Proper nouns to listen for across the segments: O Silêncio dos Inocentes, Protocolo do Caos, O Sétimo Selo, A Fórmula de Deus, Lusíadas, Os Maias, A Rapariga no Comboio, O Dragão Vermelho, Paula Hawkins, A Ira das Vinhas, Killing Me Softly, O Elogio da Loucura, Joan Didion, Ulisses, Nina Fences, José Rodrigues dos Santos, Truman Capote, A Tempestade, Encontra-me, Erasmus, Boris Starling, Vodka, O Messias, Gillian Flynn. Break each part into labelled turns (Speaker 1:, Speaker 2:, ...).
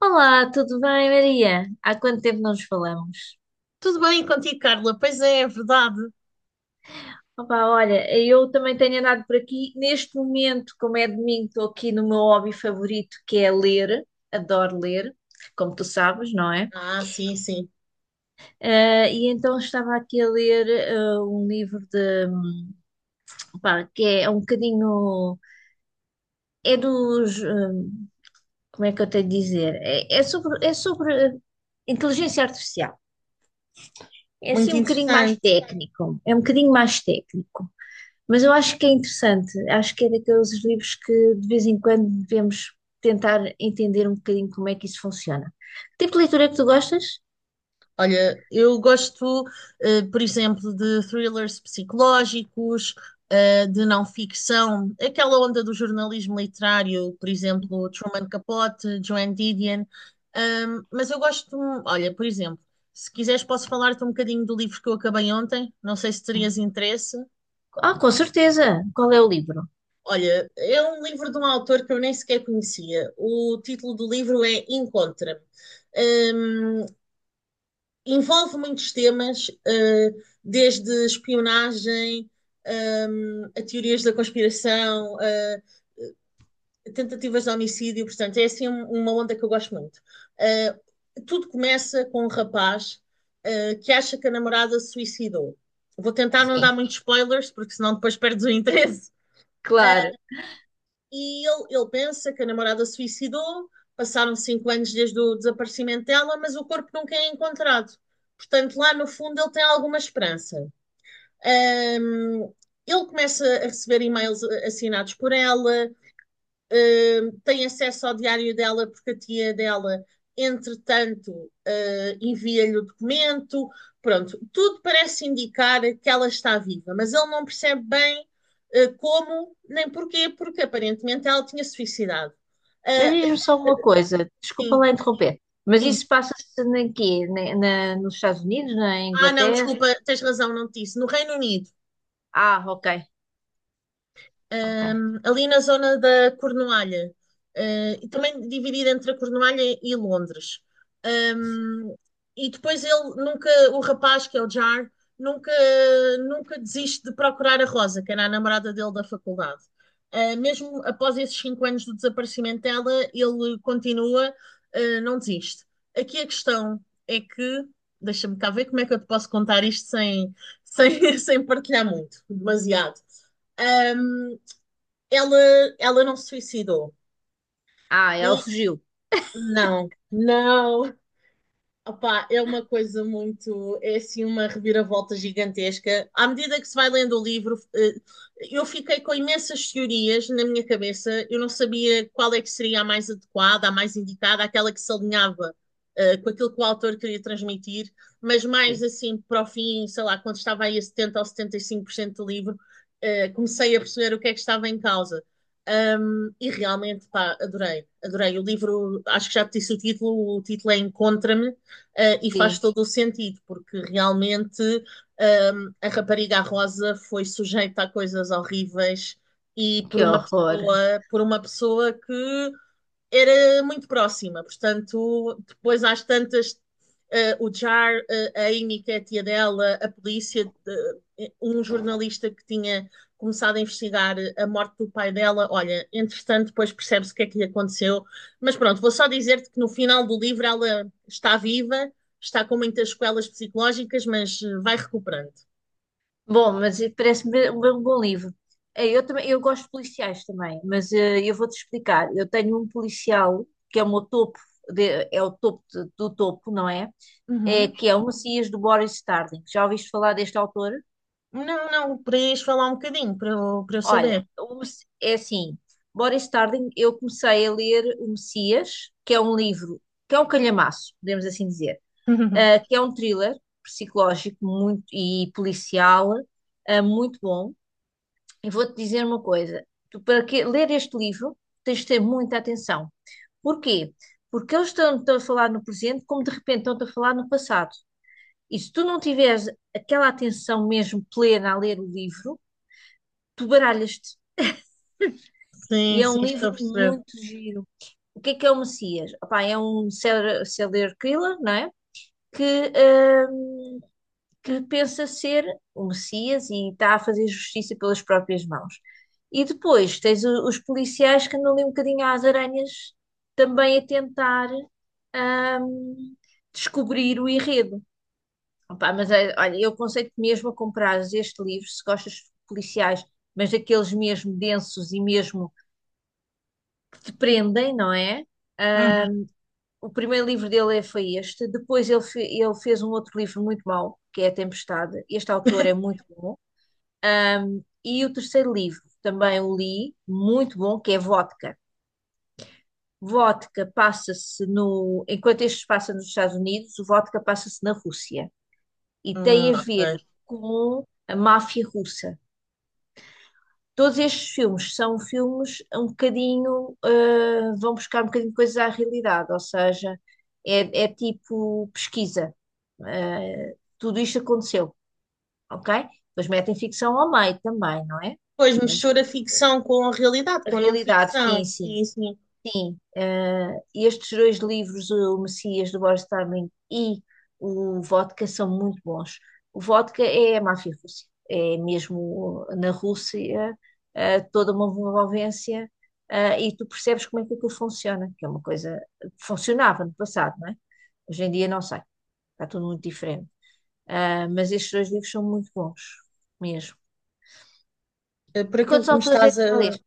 Speaker 1: Olá, tudo bem, Maria? Há quanto tempo não nos falamos?
Speaker 2: Tudo bem contigo, Carla? Pois é verdade.
Speaker 1: Olha, eu também tenho andado por aqui. Neste momento, como é domingo, estou aqui no meu hobby favorito, que é ler. Adoro ler, como tu sabes, não é?
Speaker 2: Ah, sim, sim.
Speaker 1: E então estava aqui a ler um livro de, que é um bocadinho, é dos, como é que eu tenho de dizer? É sobre inteligência artificial. É assim
Speaker 2: Muito
Speaker 1: um bocadinho mais
Speaker 2: interessante.
Speaker 1: técnico. Mas eu acho que é interessante, acho que é daqueles livros que de vez em quando devemos tentar entender um bocadinho como é que isso funciona. Que tipo de leitura é que tu gostas?
Speaker 2: Olha, eu gosto, por exemplo, de thrillers psicológicos, de não ficção, aquela onda do jornalismo literário, por exemplo, Truman Capote, Joan Didion. Mas eu gosto, olha, por exemplo, se quiseres, posso falar-te um bocadinho do livro que eu acabei ontem. Não sei se terias interesse.
Speaker 1: Ah, com certeza. Qual é o livro?
Speaker 2: Olha, é um livro de um autor que eu nem sequer conhecia. O título do livro é Encontra-me. Hum, envolve muitos temas, desde espionagem, a teorias da conspiração, tentativas de homicídio. Portanto, é assim uma onda que eu gosto muito. Eh, tudo começa com um rapaz, que acha que a namorada se suicidou. Vou tentar não dar
Speaker 1: Sim,
Speaker 2: muitos spoilers, porque senão depois perdes o interesse.
Speaker 1: claro.
Speaker 2: E ele pensa que a namorada se suicidou. Passaram cinco anos desde o desaparecimento dela, mas o corpo nunca é encontrado. Portanto, lá no fundo ele tem alguma esperança. Ahm, ele começa a receber e-mails assinados por ela, tem acesso ao diário dela porque a tia dela, entretanto, envia-lhe o documento. Pronto, tudo parece indicar que ela está viva, mas ele não percebe bem como nem porquê, porque aparentemente ela tinha suicidado.
Speaker 1: Mas diz-me
Speaker 2: Uh,
Speaker 1: só uma coisa, desculpa
Speaker 2: sim,
Speaker 1: lá interromper, mas
Speaker 2: sim.
Speaker 1: isso passa-se na quê? Nos Estados Unidos, na
Speaker 2: Ah, não,
Speaker 1: Inglaterra?
Speaker 2: desculpa, tens razão, não te disse. No Reino Unido.
Speaker 1: Ah, ok, ok.
Speaker 2: Ali na zona da Cornualha, e também dividida entre a Cornualha e Londres. Ahm, e depois ele nunca, o rapaz, que é o Jar, nunca, nunca desiste de procurar a Rosa, que era a namorada dele da faculdade. Mesmo após esses cinco anos do desaparecimento dela, ele continua, não desiste. Aqui a questão é que, deixa-me cá ver como é que eu te posso contar isto sem, sem, sem partilhar muito, demasiado. Ela, ela não se suicidou.
Speaker 1: Ah, ela
Speaker 2: E
Speaker 1: fugiu.
Speaker 2: não, não. Opá, é uma coisa muito. É assim uma reviravolta gigantesca. À medida que se vai lendo o livro, eu fiquei com imensas teorias na minha cabeça. Eu não sabia qual é que seria a mais adequada, a mais indicada, aquela que se alinhava com aquilo que o autor queria transmitir. Mas mais
Speaker 1: Sim,
Speaker 2: assim, para o fim, sei lá, quando estava aí a 70 ou 75% do livro, comecei a perceber o que é que estava em causa. E realmente, pá, adorei, adorei. O livro, acho que já te disse o título é Encontra-me, e faz
Speaker 1: sim,
Speaker 2: todo o sentido, porque realmente a rapariga Rosa foi sujeita a coisas horríveis e
Speaker 1: que horror.
Speaker 2: por uma pessoa que era muito próxima. Portanto, depois às tantas, o Jar, a Amy, que é a tia dela, a polícia, um jornalista que tinha começado a investigar a morte do pai dela. Olha, entretanto, depois percebe-se o que é que lhe aconteceu. Mas pronto, vou só dizer-te que no final do livro ela está viva, está com muitas sequelas psicológicas, mas vai recuperando.
Speaker 1: Bom, mas parece-me um bom livro. Eh, Eu também, eu gosto de policiais também, mas eu vou-te explicar. Eu tenho um policial que é o meu topo, é o topo do topo, não é? É
Speaker 2: Uhum.
Speaker 1: que é O Messias, do Boris Starling. Já ouviste falar deste autor?
Speaker 2: Não, não, podias falar um bocadinho para eu
Speaker 1: Olha,
Speaker 2: saber.
Speaker 1: é assim, Boris Starling, eu comecei a ler O Messias, que é um livro, que é um calhamaço, podemos assim dizer, que é um thriller psicológico muito e policial, muito bom. E vou-te dizer uma coisa: tu, ler este livro, tens de ter muita atenção. Porquê? Porque eles estão a falar no presente, como de repente estão a falar no passado. E se tu não tiveres aquela atenção mesmo plena a ler o livro, tu baralhas-te.
Speaker 2: Sim,
Speaker 1: E é
Speaker 2: sim,
Speaker 1: um
Speaker 2: estou
Speaker 1: livro
Speaker 2: a perceber.
Speaker 1: muito giro. O que é O Messias? Opá, é um serial killer, não é? Que que pensa ser O Messias e está a fazer justiça pelas próprias mãos. E depois tens os policiais que andam ali um bocadinho às aranhas também a tentar ahm, descobrir o enredo. Opá, mas olha, eu aconselho-te mesmo a comprares este livro se gostas de policiais, mas daqueles mesmo densos e mesmo que te prendem, não é? Hum,
Speaker 2: Uhum.
Speaker 1: O primeiro livro dele foi este. Depois ele, ele fez um outro livro muito mau, que é A Tempestade. Este autor é muito bom. E o terceiro livro também o li, muito bom, que é Vodka. Vodka passa-se no. Enquanto este se passa nos Estados Unidos, o Vodka passa-se na Rússia. E tem a
Speaker 2: Ok.
Speaker 1: ver com a máfia russa. Todos estes filmes são filmes um bocadinho, vão buscar um bocadinho coisas à realidade, ou seja, é tipo pesquisa. Tudo isto aconteceu, ok? Depois metem ficção ao meio também, não é?
Speaker 2: Pois
Speaker 1: Mas
Speaker 2: mistura ficção com a realidade,
Speaker 1: a
Speaker 2: com a não
Speaker 1: realidade,
Speaker 2: ficção,
Speaker 1: sim, sim.
Speaker 2: sim, sim.
Speaker 1: Sim, estes dois livros, O Messias, do Boris Tarling, e O Vodka, são muito bons. O Vodka é a máfia russa, é mesmo na Rússia, toda uma envolvência, e tu percebes como é que aquilo funciona, que é uma coisa que funcionava no passado, não é? Hoje em dia não sei, está tudo muito diferente. Ah, mas estes dois livros são muito bons, mesmo.
Speaker 2: Por
Speaker 1: E
Speaker 2: aquilo
Speaker 1: quantos
Speaker 2: que me
Speaker 1: autores é
Speaker 2: estás
Speaker 1: que
Speaker 2: a.
Speaker 1: já leste?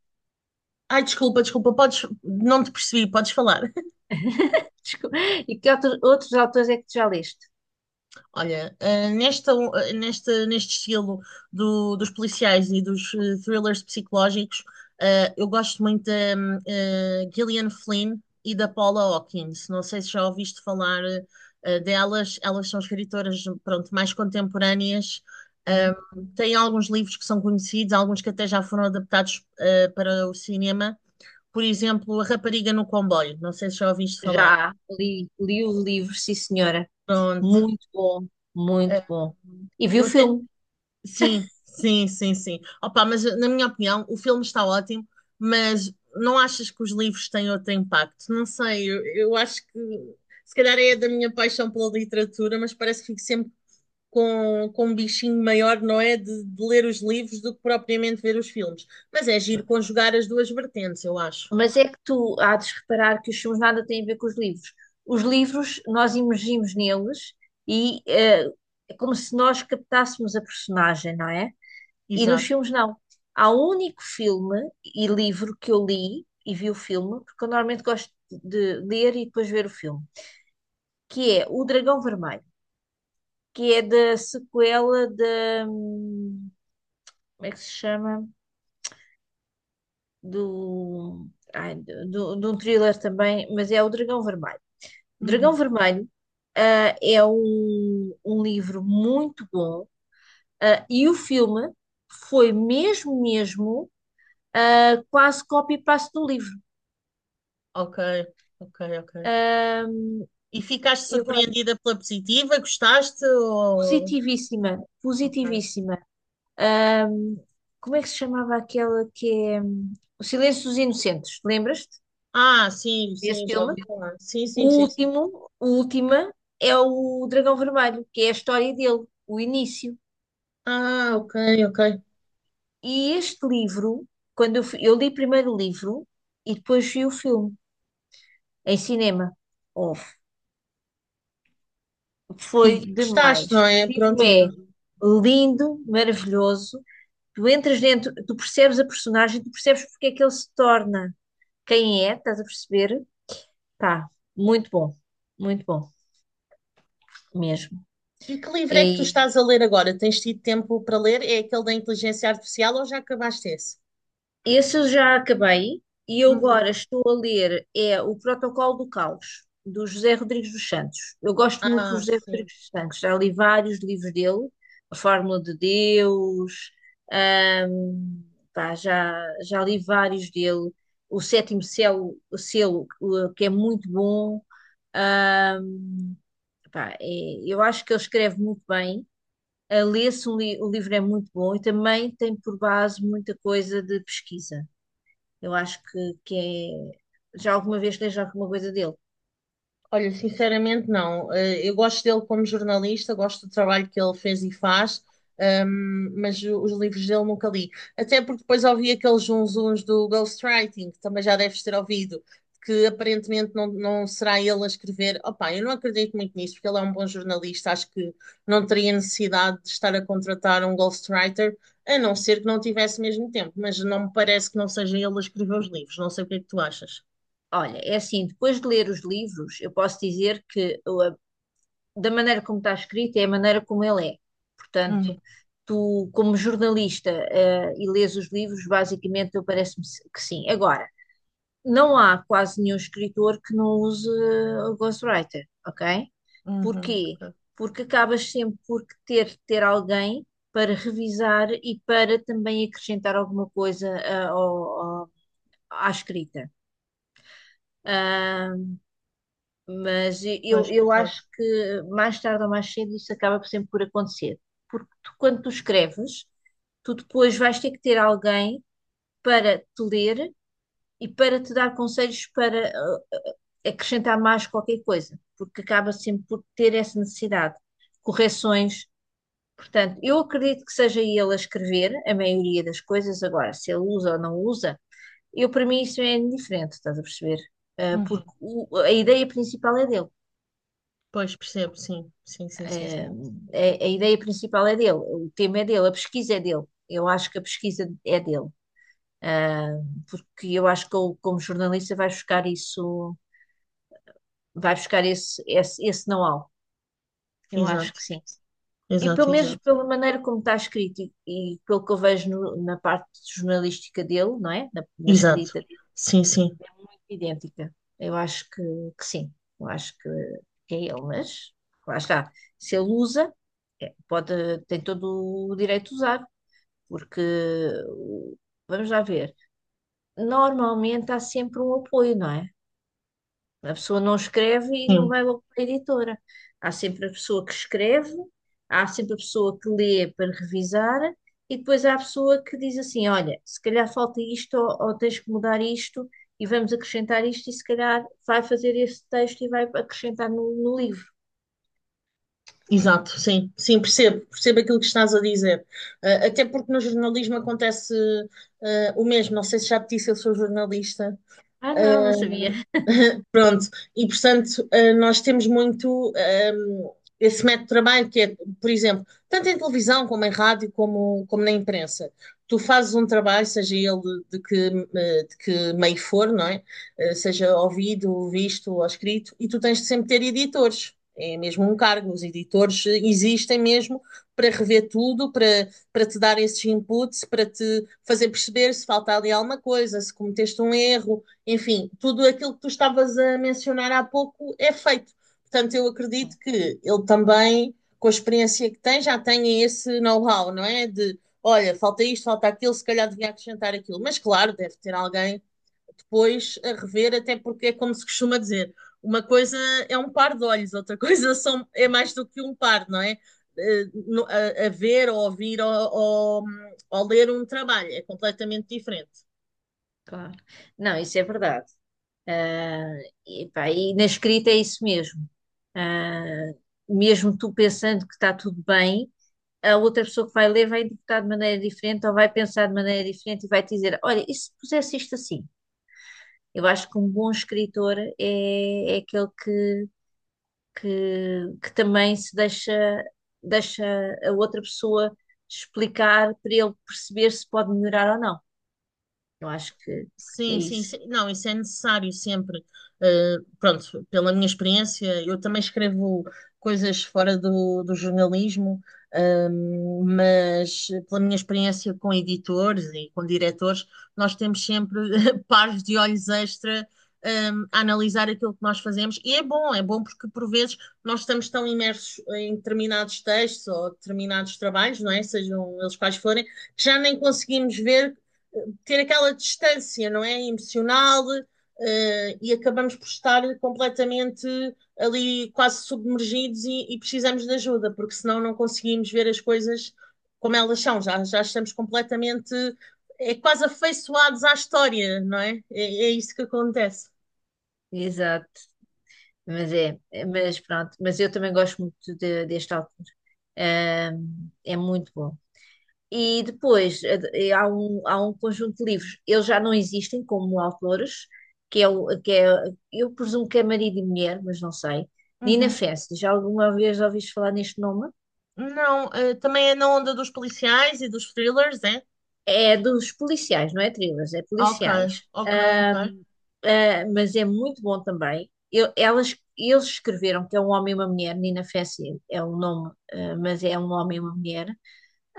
Speaker 2: Ai, desculpa, desculpa, podes. Não te percebi, podes falar.
Speaker 1: Desculpa. E que outros autores é que tu já leste?
Speaker 2: Olha, neste estilo dos policiais e dos thrillers psicológicos, eu gosto muito da Gillian Flynn e da Paula Hawkins. Não sei se já ouviste falar delas. Elas são escritoras, pronto, mais contemporâneas. Eh, têm alguns livros que são conhecidos, alguns que até já foram adaptados para o cinema. Por exemplo, A Rapariga no Comboio. Não sei se já ouviste falar.
Speaker 1: Já li, li o livro, sim, senhora.
Speaker 2: Pronto.
Speaker 1: Muito bom, muito
Speaker 2: Eh,
Speaker 1: bom. E vi
Speaker 2: eu
Speaker 1: o
Speaker 2: até.
Speaker 1: filme.
Speaker 2: Sim, sim, sim, sim. Opa, mas na minha opinião, o filme está ótimo, mas não achas que os livros têm outro impacto? Não sei, eu acho que se calhar é da minha paixão pela literatura, mas parece que fico sempre com um bichinho maior, não é? De ler os livros do que propriamente ver os filmes. Mas é giro conjugar as duas vertentes, eu acho.
Speaker 1: Mas é que tu há de reparar que os filmes nada têm a ver com os livros. Os livros, nós imergimos neles e é como se nós captássemos a personagem, não é? E nos
Speaker 2: Exato.
Speaker 1: filmes não. Há um único filme e livro que eu li e vi o filme, porque eu normalmente gosto de ler e depois ver o filme, que é O Dragão Vermelho, que é da sequela da, como é que se chama? Do, de um thriller também, mas é O Dragão Vermelho. Dragão
Speaker 2: Uhum.
Speaker 1: Vermelho, ah, é um livro muito bom, e o filme foi mesmo, mesmo, quase copy-paste do livro.
Speaker 2: Ok, ok, ok.
Speaker 1: Ah,
Speaker 2: E ficaste
Speaker 1: e agora,
Speaker 2: surpreendida pela positiva? Gostaste? Ou...
Speaker 1: positivíssima,
Speaker 2: Ok.
Speaker 1: positivíssima. Ah, Como é que se chamava aquela que é O Silêncio dos Inocentes? Lembras-te
Speaker 2: Ah, sim,
Speaker 1: desse
Speaker 2: sim, já ouvi
Speaker 1: filme?
Speaker 2: falar. Sim, sim, sim, sim.
Speaker 1: O última, é O Dragão Vermelho, que é a história dele, o início.
Speaker 2: Ah, ok, ok.
Speaker 1: E este livro, eu li primeiro o livro e depois vi o filme em cinema. Oh, foi
Speaker 2: E gostaste, não
Speaker 1: demais.
Speaker 2: é?
Speaker 1: O livro
Speaker 2: Pronto. E
Speaker 1: é lindo, maravilhoso. Tu entras dentro, tu percebes a personagem, tu percebes porque é que ele se torna quem é, estás a perceber? Pá, muito bom, muito bom mesmo.
Speaker 2: e que livro é
Speaker 1: É
Speaker 2: que tu estás a ler agora? Tens tido tempo para ler? É aquele da inteligência artificial ou já acabaste esse?
Speaker 1: Esse eu já acabei, e eu
Speaker 2: Uhum.
Speaker 1: agora estou a ler é O Protocolo do Caos, do José Rodrigues dos Santos. Eu gosto muito do
Speaker 2: Ah,
Speaker 1: José
Speaker 2: sim.
Speaker 1: Rodrigues dos Santos, já li vários livros dele: A Fórmula de Deus, ahm, pá, já, já li vários dele. O Sétimo Selo, que é muito bom. ahm, pá, eu acho que ele escreve muito bem. A Lê-se um li- O livro é muito bom e também tem por base muita coisa de pesquisa. Eu acho que é. Já alguma vez leste alguma coisa dele?
Speaker 2: Olha, sinceramente não. Eu gosto dele como jornalista, gosto do trabalho que ele fez e faz, mas os livros dele nunca li. Até porque depois ouvi aqueles zunzuns do ghostwriting, que também já deves ter ouvido, que aparentemente não, não será ele a escrever. Opa, eu não acredito muito nisso, porque ele é um bom jornalista, acho que não teria necessidade de estar a contratar um ghostwriter, a não ser que não tivesse mesmo tempo, mas não me parece que não seja ele a escrever os livros, não sei o que é que tu achas.
Speaker 1: Olha, é assim, depois de ler os livros, eu posso dizer que da maneira como está escrito é a maneira como ele é.
Speaker 2: Hum,
Speaker 1: Portanto, tu, como jornalista, e lês os livros, basicamente, eu parece-me se- que sim. Agora, não há quase nenhum escritor que não use o ghostwriter, ok?
Speaker 2: uhum,
Speaker 1: Porquê?
Speaker 2: ok.
Speaker 1: Porque acabas sempre por ter alguém para revisar e para também acrescentar alguma coisa ao- à escrita. Ah, mas
Speaker 2: Pois,
Speaker 1: eu
Speaker 2: percebo.
Speaker 1: acho que mais tarde ou mais cedo isso acaba sempre por acontecer. Porque tu, quando tu escreves, tu depois vais ter que ter alguém para te ler e para te dar conselhos para acrescentar mais qualquer coisa, porque acaba sempre por ter essa necessidade. Correções. Portanto, eu acredito que seja ele a escrever a maioria das coisas. Agora, se ele usa ou não usa, eu, para mim, isso é indiferente, estás a perceber? Porque
Speaker 2: Uhum.
Speaker 1: a ideia principal é dele.
Speaker 2: Pois percebo, sim. Sim, sim,
Speaker 1: Ah,
Speaker 2: sim, sim.
Speaker 1: a, a ideia principal é dele, o tema é dele, a pesquisa é dele. Eu acho que a pesquisa é dele. Ah, Porque eu acho que ele, como jornalista, vai buscar isso, vai buscar esse know-how. Eu
Speaker 2: Exato,
Speaker 1: acho que sim. E
Speaker 2: exato,
Speaker 1: pelo menos
Speaker 2: exato.
Speaker 1: pela maneira como está escrito e pelo que eu vejo na parte jornalística dele, não é? Na
Speaker 2: Exato.
Speaker 1: escrita,
Speaker 2: Sim, sim,
Speaker 1: idêntica. Eu acho que sim, eu acho que é ele, mas lá está. Se ele usa, pode, tem todo o direito de usar, porque o- vamos lá ver. Normalmente há sempre um apoio, não é? A pessoa não escreve e não
Speaker 2: sim.
Speaker 1: vai logo para a editora. Há sempre a pessoa que escreve, há sempre a pessoa que lê para revisar, e depois há a pessoa que diz assim: olha, se calhar falta isto, ou tens que mudar isto, e vamos acrescentar isto, e se calhar vai fazer esse texto e vai acrescentar no livro.
Speaker 2: Exato, sim, sim, percebo, percebo aquilo que estás a dizer. Ah, até porque no jornalismo acontece o mesmo. Não sei se já te disse, eu sou jornalista.
Speaker 1: Ah, não, não sabia.
Speaker 2: Pronto, e portanto, nós temos muito esse método de trabalho que é, por exemplo, tanto em televisão como em rádio, como na imprensa. Tu fazes um trabalho, seja ele de que, de que meio for, não é? Seja ouvido, visto ou escrito, e tu tens de sempre ter editores. É mesmo um cargo, os editores existem mesmo para rever tudo, para te dar esses inputs, para te fazer perceber se falta ali alguma coisa, se cometeste um erro, enfim, tudo aquilo que tu estavas a mencionar há pouco é feito. Portanto, eu acredito que ele também, com a experiência que tem, já tenha esse know-how, não é? De, olha, falta isto, falta aquilo, se calhar devia acrescentar aquilo. Mas, claro, deve ter alguém depois a rever, até porque é como se costuma dizer, uma coisa é um par de olhos, outra coisa é mais do que um par, não é? A ver, ou ouvir, ou ler um trabalho é completamente diferente.
Speaker 1: Claro. Não, isso é verdade. Ah, e, pá, e na escrita é isso mesmo. Ah, Mesmo tu pensando que está tudo bem, a outra pessoa que vai ler vai interpretar de maneira diferente ou vai pensar de maneira diferente e vai te dizer: olha, e se pusesse isto assim? Eu acho que um bom escritor é aquele que também se deixa, deixa a outra pessoa explicar para ele perceber se pode melhorar ou não. Eu acho que é
Speaker 2: Sim, sim,
Speaker 1: isso.
Speaker 2: sim. Não, isso é necessário sempre. Pronto, pela minha experiência, eu também escrevo coisas fora do jornalismo, mas pela minha experiência com editores e com diretores, nós temos sempre pares de olhos extra, a analisar aquilo que nós fazemos. E é bom porque por vezes nós estamos tão imersos em determinados textos ou determinados trabalhos, não é? Sejam eles quais forem, que já nem conseguimos ver ter aquela distância, não é? Emocional, e acabamos por estar completamente ali quase submergidos e precisamos de ajuda, porque senão não conseguimos ver as coisas como elas são, já estamos completamente, é quase afeiçoados à história, não é? É isso que acontece.
Speaker 1: Exato. Mas mas pronto. Mas eu também gosto muito deste autor. É muito bom. E depois há há um conjunto de livros. Eles já não existem como autores, que é, eu presumo que é marido e mulher, mas não sei. Nina
Speaker 2: Uhum.
Speaker 1: Fences, já alguma vez ouviste falar neste nome?
Speaker 2: Não, também é na onda dos policiais e dos thrillers, é?
Speaker 1: É dos policiais, não é thrillers, é
Speaker 2: Ok,
Speaker 1: policiais.
Speaker 2: ok, ok.
Speaker 1: Mas é muito bom também. Eles escreveram, que é um homem e uma mulher. Nina Fences é um nome, ah, mas é um homem e uma mulher.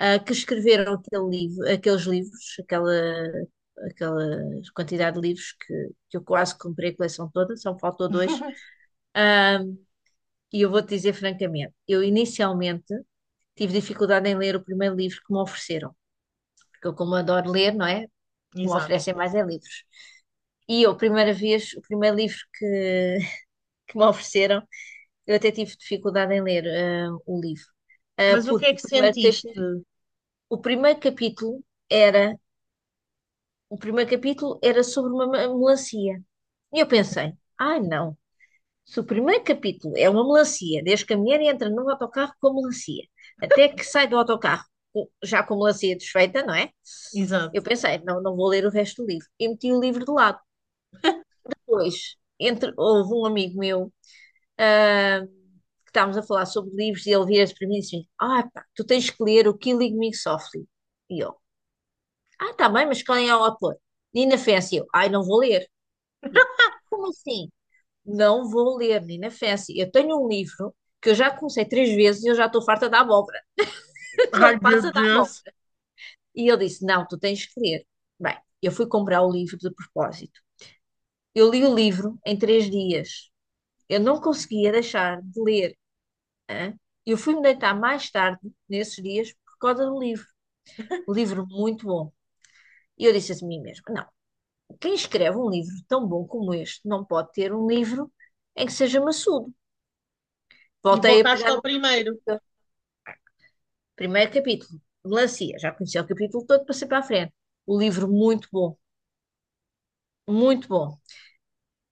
Speaker 1: Que escreveram aquele livro, aqueles livros, aquela quantidade de livros que eu quase comprei a coleção toda, só me faltou dois. Ah, e eu vou-te dizer francamente, eu inicialmente tive dificuldade em ler o primeiro livro que me ofereceram, porque eu, como adoro ler, não é? O que me
Speaker 2: Exato.
Speaker 1: oferecem mais é livros. E eu, a primeira vez, o primeiro livro que me ofereceram, eu até tive dificuldade em ler o livro.
Speaker 2: Mas o que é
Speaker 1: Porque o
Speaker 2: que
Speaker 1: primeiro,
Speaker 2: sentiste?
Speaker 1: o primeiro capítulo era era sobre uma melancia. E eu pensei, ai não, se o primeiro capítulo é uma melancia, desde que a mulher entra num autocarro com a melancia, até que sai do autocarro já com a melancia desfeita, não é? Eu
Speaker 2: Exato.
Speaker 1: pensei, não, não vou ler o resto do livro. E meti o livro de lado. Depois, entre, houve um amigo meu, ah, que estávamos a falar sobre livros, e ele vira-se para mim e disse: Ah, pá, tu tens que ler o Killing Me Softly. E eu, ah, tá bem, mas quem é o autor? Nina Fence. E eu, ai, não vou ler. E como assim? Não vou ler, menina Fancy. Eu tenho um livro que eu já comecei três vezes e eu já estou farta da abóbora. Não
Speaker 2: Ai,
Speaker 1: me
Speaker 2: meu
Speaker 1: passa da
Speaker 2: Deus.
Speaker 1: abóbora. E ele disse: Não, tu tens que ler. Bem, eu fui comprar o livro de propósito. Eu li o livro em três dias. Eu não conseguia deixar de ler. Hã? Eu fui-me deitar mais tarde, nesses dias, por causa do livro. Um livro muito bom. E eu disse a mim mesma: Não, quem escreve um livro tão bom como este não pode ter um livro em que seja maçudo.
Speaker 2: E
Speaker 1: Voltei a
Speaker 2: voltaste
Speaker 1: pegar
Speaker 2: ao
Speaker 1: no
Speaker 2: primeiro.
Speaker 1: livro. Primeiro capítulo, melancia. Já conheci o capítulo todo, passei para a frente. O livro muito bom, muito bom.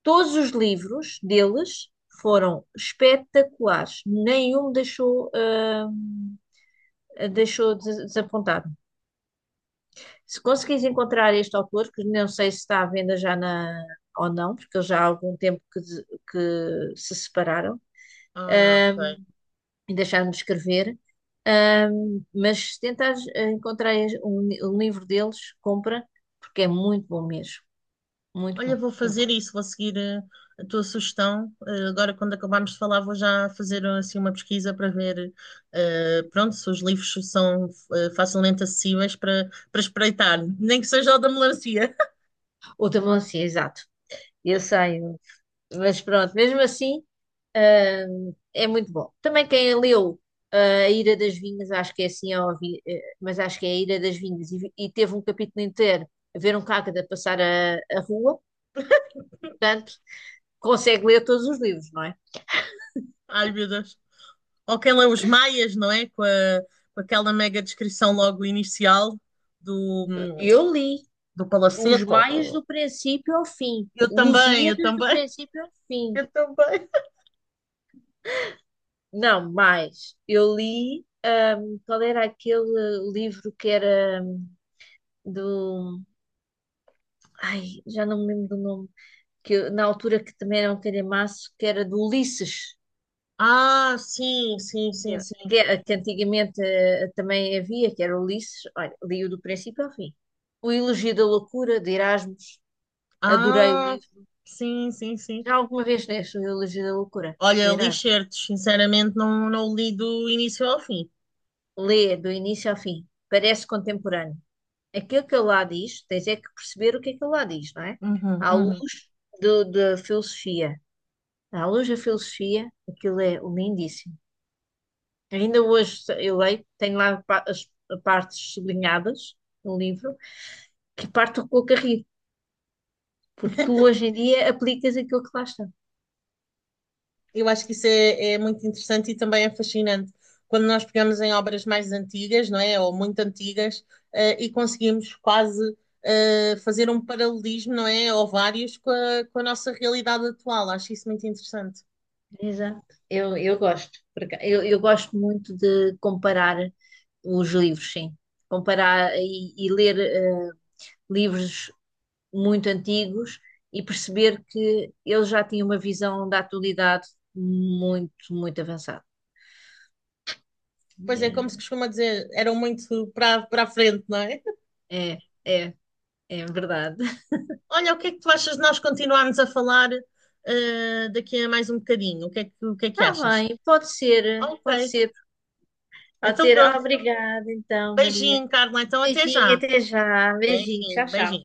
Speaker 1: Todos os livros deles foram espetaculares. Nenhum me deixou, deixou desapontado. Se conseguires encontrar este autor, que não sei se está à venda já na, ou não, porque eles já há algum tempo que, que se separaram,
Speaker 2: Ah,
Speaker 1: ah,
Speaker 2: ok.
Speaker 1: e deixar-me escrever. Mas se tentares encontrar um livro deles, compra, porque é muito bom mesmo. Muito
Speaker 2: Olha,
Speaker 1: bom.
Speaker 2: vou
Speaker 1: Também.
Speaker 2: fazer isso, vou seguir a tua sugestão. Agora, quando acabarmos de falar, vou já fazer assim uma pesquisa para ver, pronto, se os livros são facilmente acessíveis para espreitar, nem que seja o da melancia.
Speaker 1: Ou também assim, exato. Eu sei, mas pronto, mesmo assim, é muito bom. Também quem leu ah, A Ira das Vinhas, acho que é assim, é óbvio, eh, mas acho que é A Ira das Vinhas, e teve um capítulo inteiro a ver um cágado a passar a rua, portanto, consegue ler todos os livros, não é?
Speaker 2: Ai, meu Deus. Ou quem lê os Maias, não é? Com aquela mega descrição logo inicial do, hum,
Speaker 1: Eu li.
Speaker 2: do
Speaker 1: Os
Speaker 2: palacete,
Speaker 1: Maias
Speaker 2: ou.
Speaker 1: do princípio ao fim.
Speaker 2: Eu
Speaker 1: Lusíadas do
Speaker 2: também,
Speaker 1: princípio ao fim.
Speaker 2: eu também.
Speaker 1: Não, mais. Eu li. Qual era aquele livro que era do. Ai, já não me lembro do nome. Que, na altura que também era um calhamaço, que era do Ulisses.
Speaker 2: Ah, sim, sim, sim, sim.
Speaker 1: Que, que antigamente também havia, que era Ulisses. Olha, li-o do princípio ao fim. O Elogio da Loucura, de Erasmus. Adorei o
Speaker 2: Ah,
Speaker 1: livro.
Speaker 2: sim, sim, sim.
Speaker 1: Já alguma vez leste o Elogio da Loucura, do
Speaker 2: Olha, li
Speaker 1: Erasmus?
Speaker 2: certos, sinceramente, não, não li do início ao fim.
Speaker 1: Lê do início ao fim, parece contemporâneo. Aquilo que ele lá diz, tens é que perceber o que é que ele lá diz, não é?
Speaker 2: Uhum,
Speaker 1: À
Speaker 2: uhum.
Speaker 1: luz da filosofia. À luz da filosofia, aquilo é lindíssimo. Ainda hoje eu leio, tenho lá as partes sublinhadas no livro, que parto com o carrinho, porque tu hoje em dia aplicas aquilo que lá está.
Speaker 2: Eu acho que isso é muito interessante e também é fascinante. Quando nós pegamos em obras mais antigas, não é? Ou muito antigas, e conseguimos quase fazer um paralelismo, não é? Ou vários com a nossa realidade atual. Acho isso muito interessante.
Speaker 1: Exato. Eu gosto. Eu gosto muito de comparar os livros, sim. Comparar e ler. Livros muito antigos e perceber que ele já tinha uma visão da atualidade muito, muito avançada.
Speaker 2: Pois é, como se costuma dizer, eram muito para a frente, não é?
Speaker 1: É, é, é é verdade.
Speaker 2: Olha, o que é que tu achas de nós continuarmos a falar daqui a mais um bocadinho? O que é que
Speaker 1: Está
Speaker 2: achas?
Speaker 1: bem, pode ser, pode
Speaker 2: Ok,
Speaker 1: ser. Pode
Speaker 2: então
Speaker 1: ser.
Speaker 2: pronto.
Speaker 1: Obrigada, então, Maria.
Speaker 2: Beijinho, Carla. Então até
Speaker 1: Beijinho,
Speaker 2: já.
Speaker 1: até já. Beijinho,
Speaker 2: Beijinho,
Speaker 1: tchau, tchau.
Speaker 2: beijinho.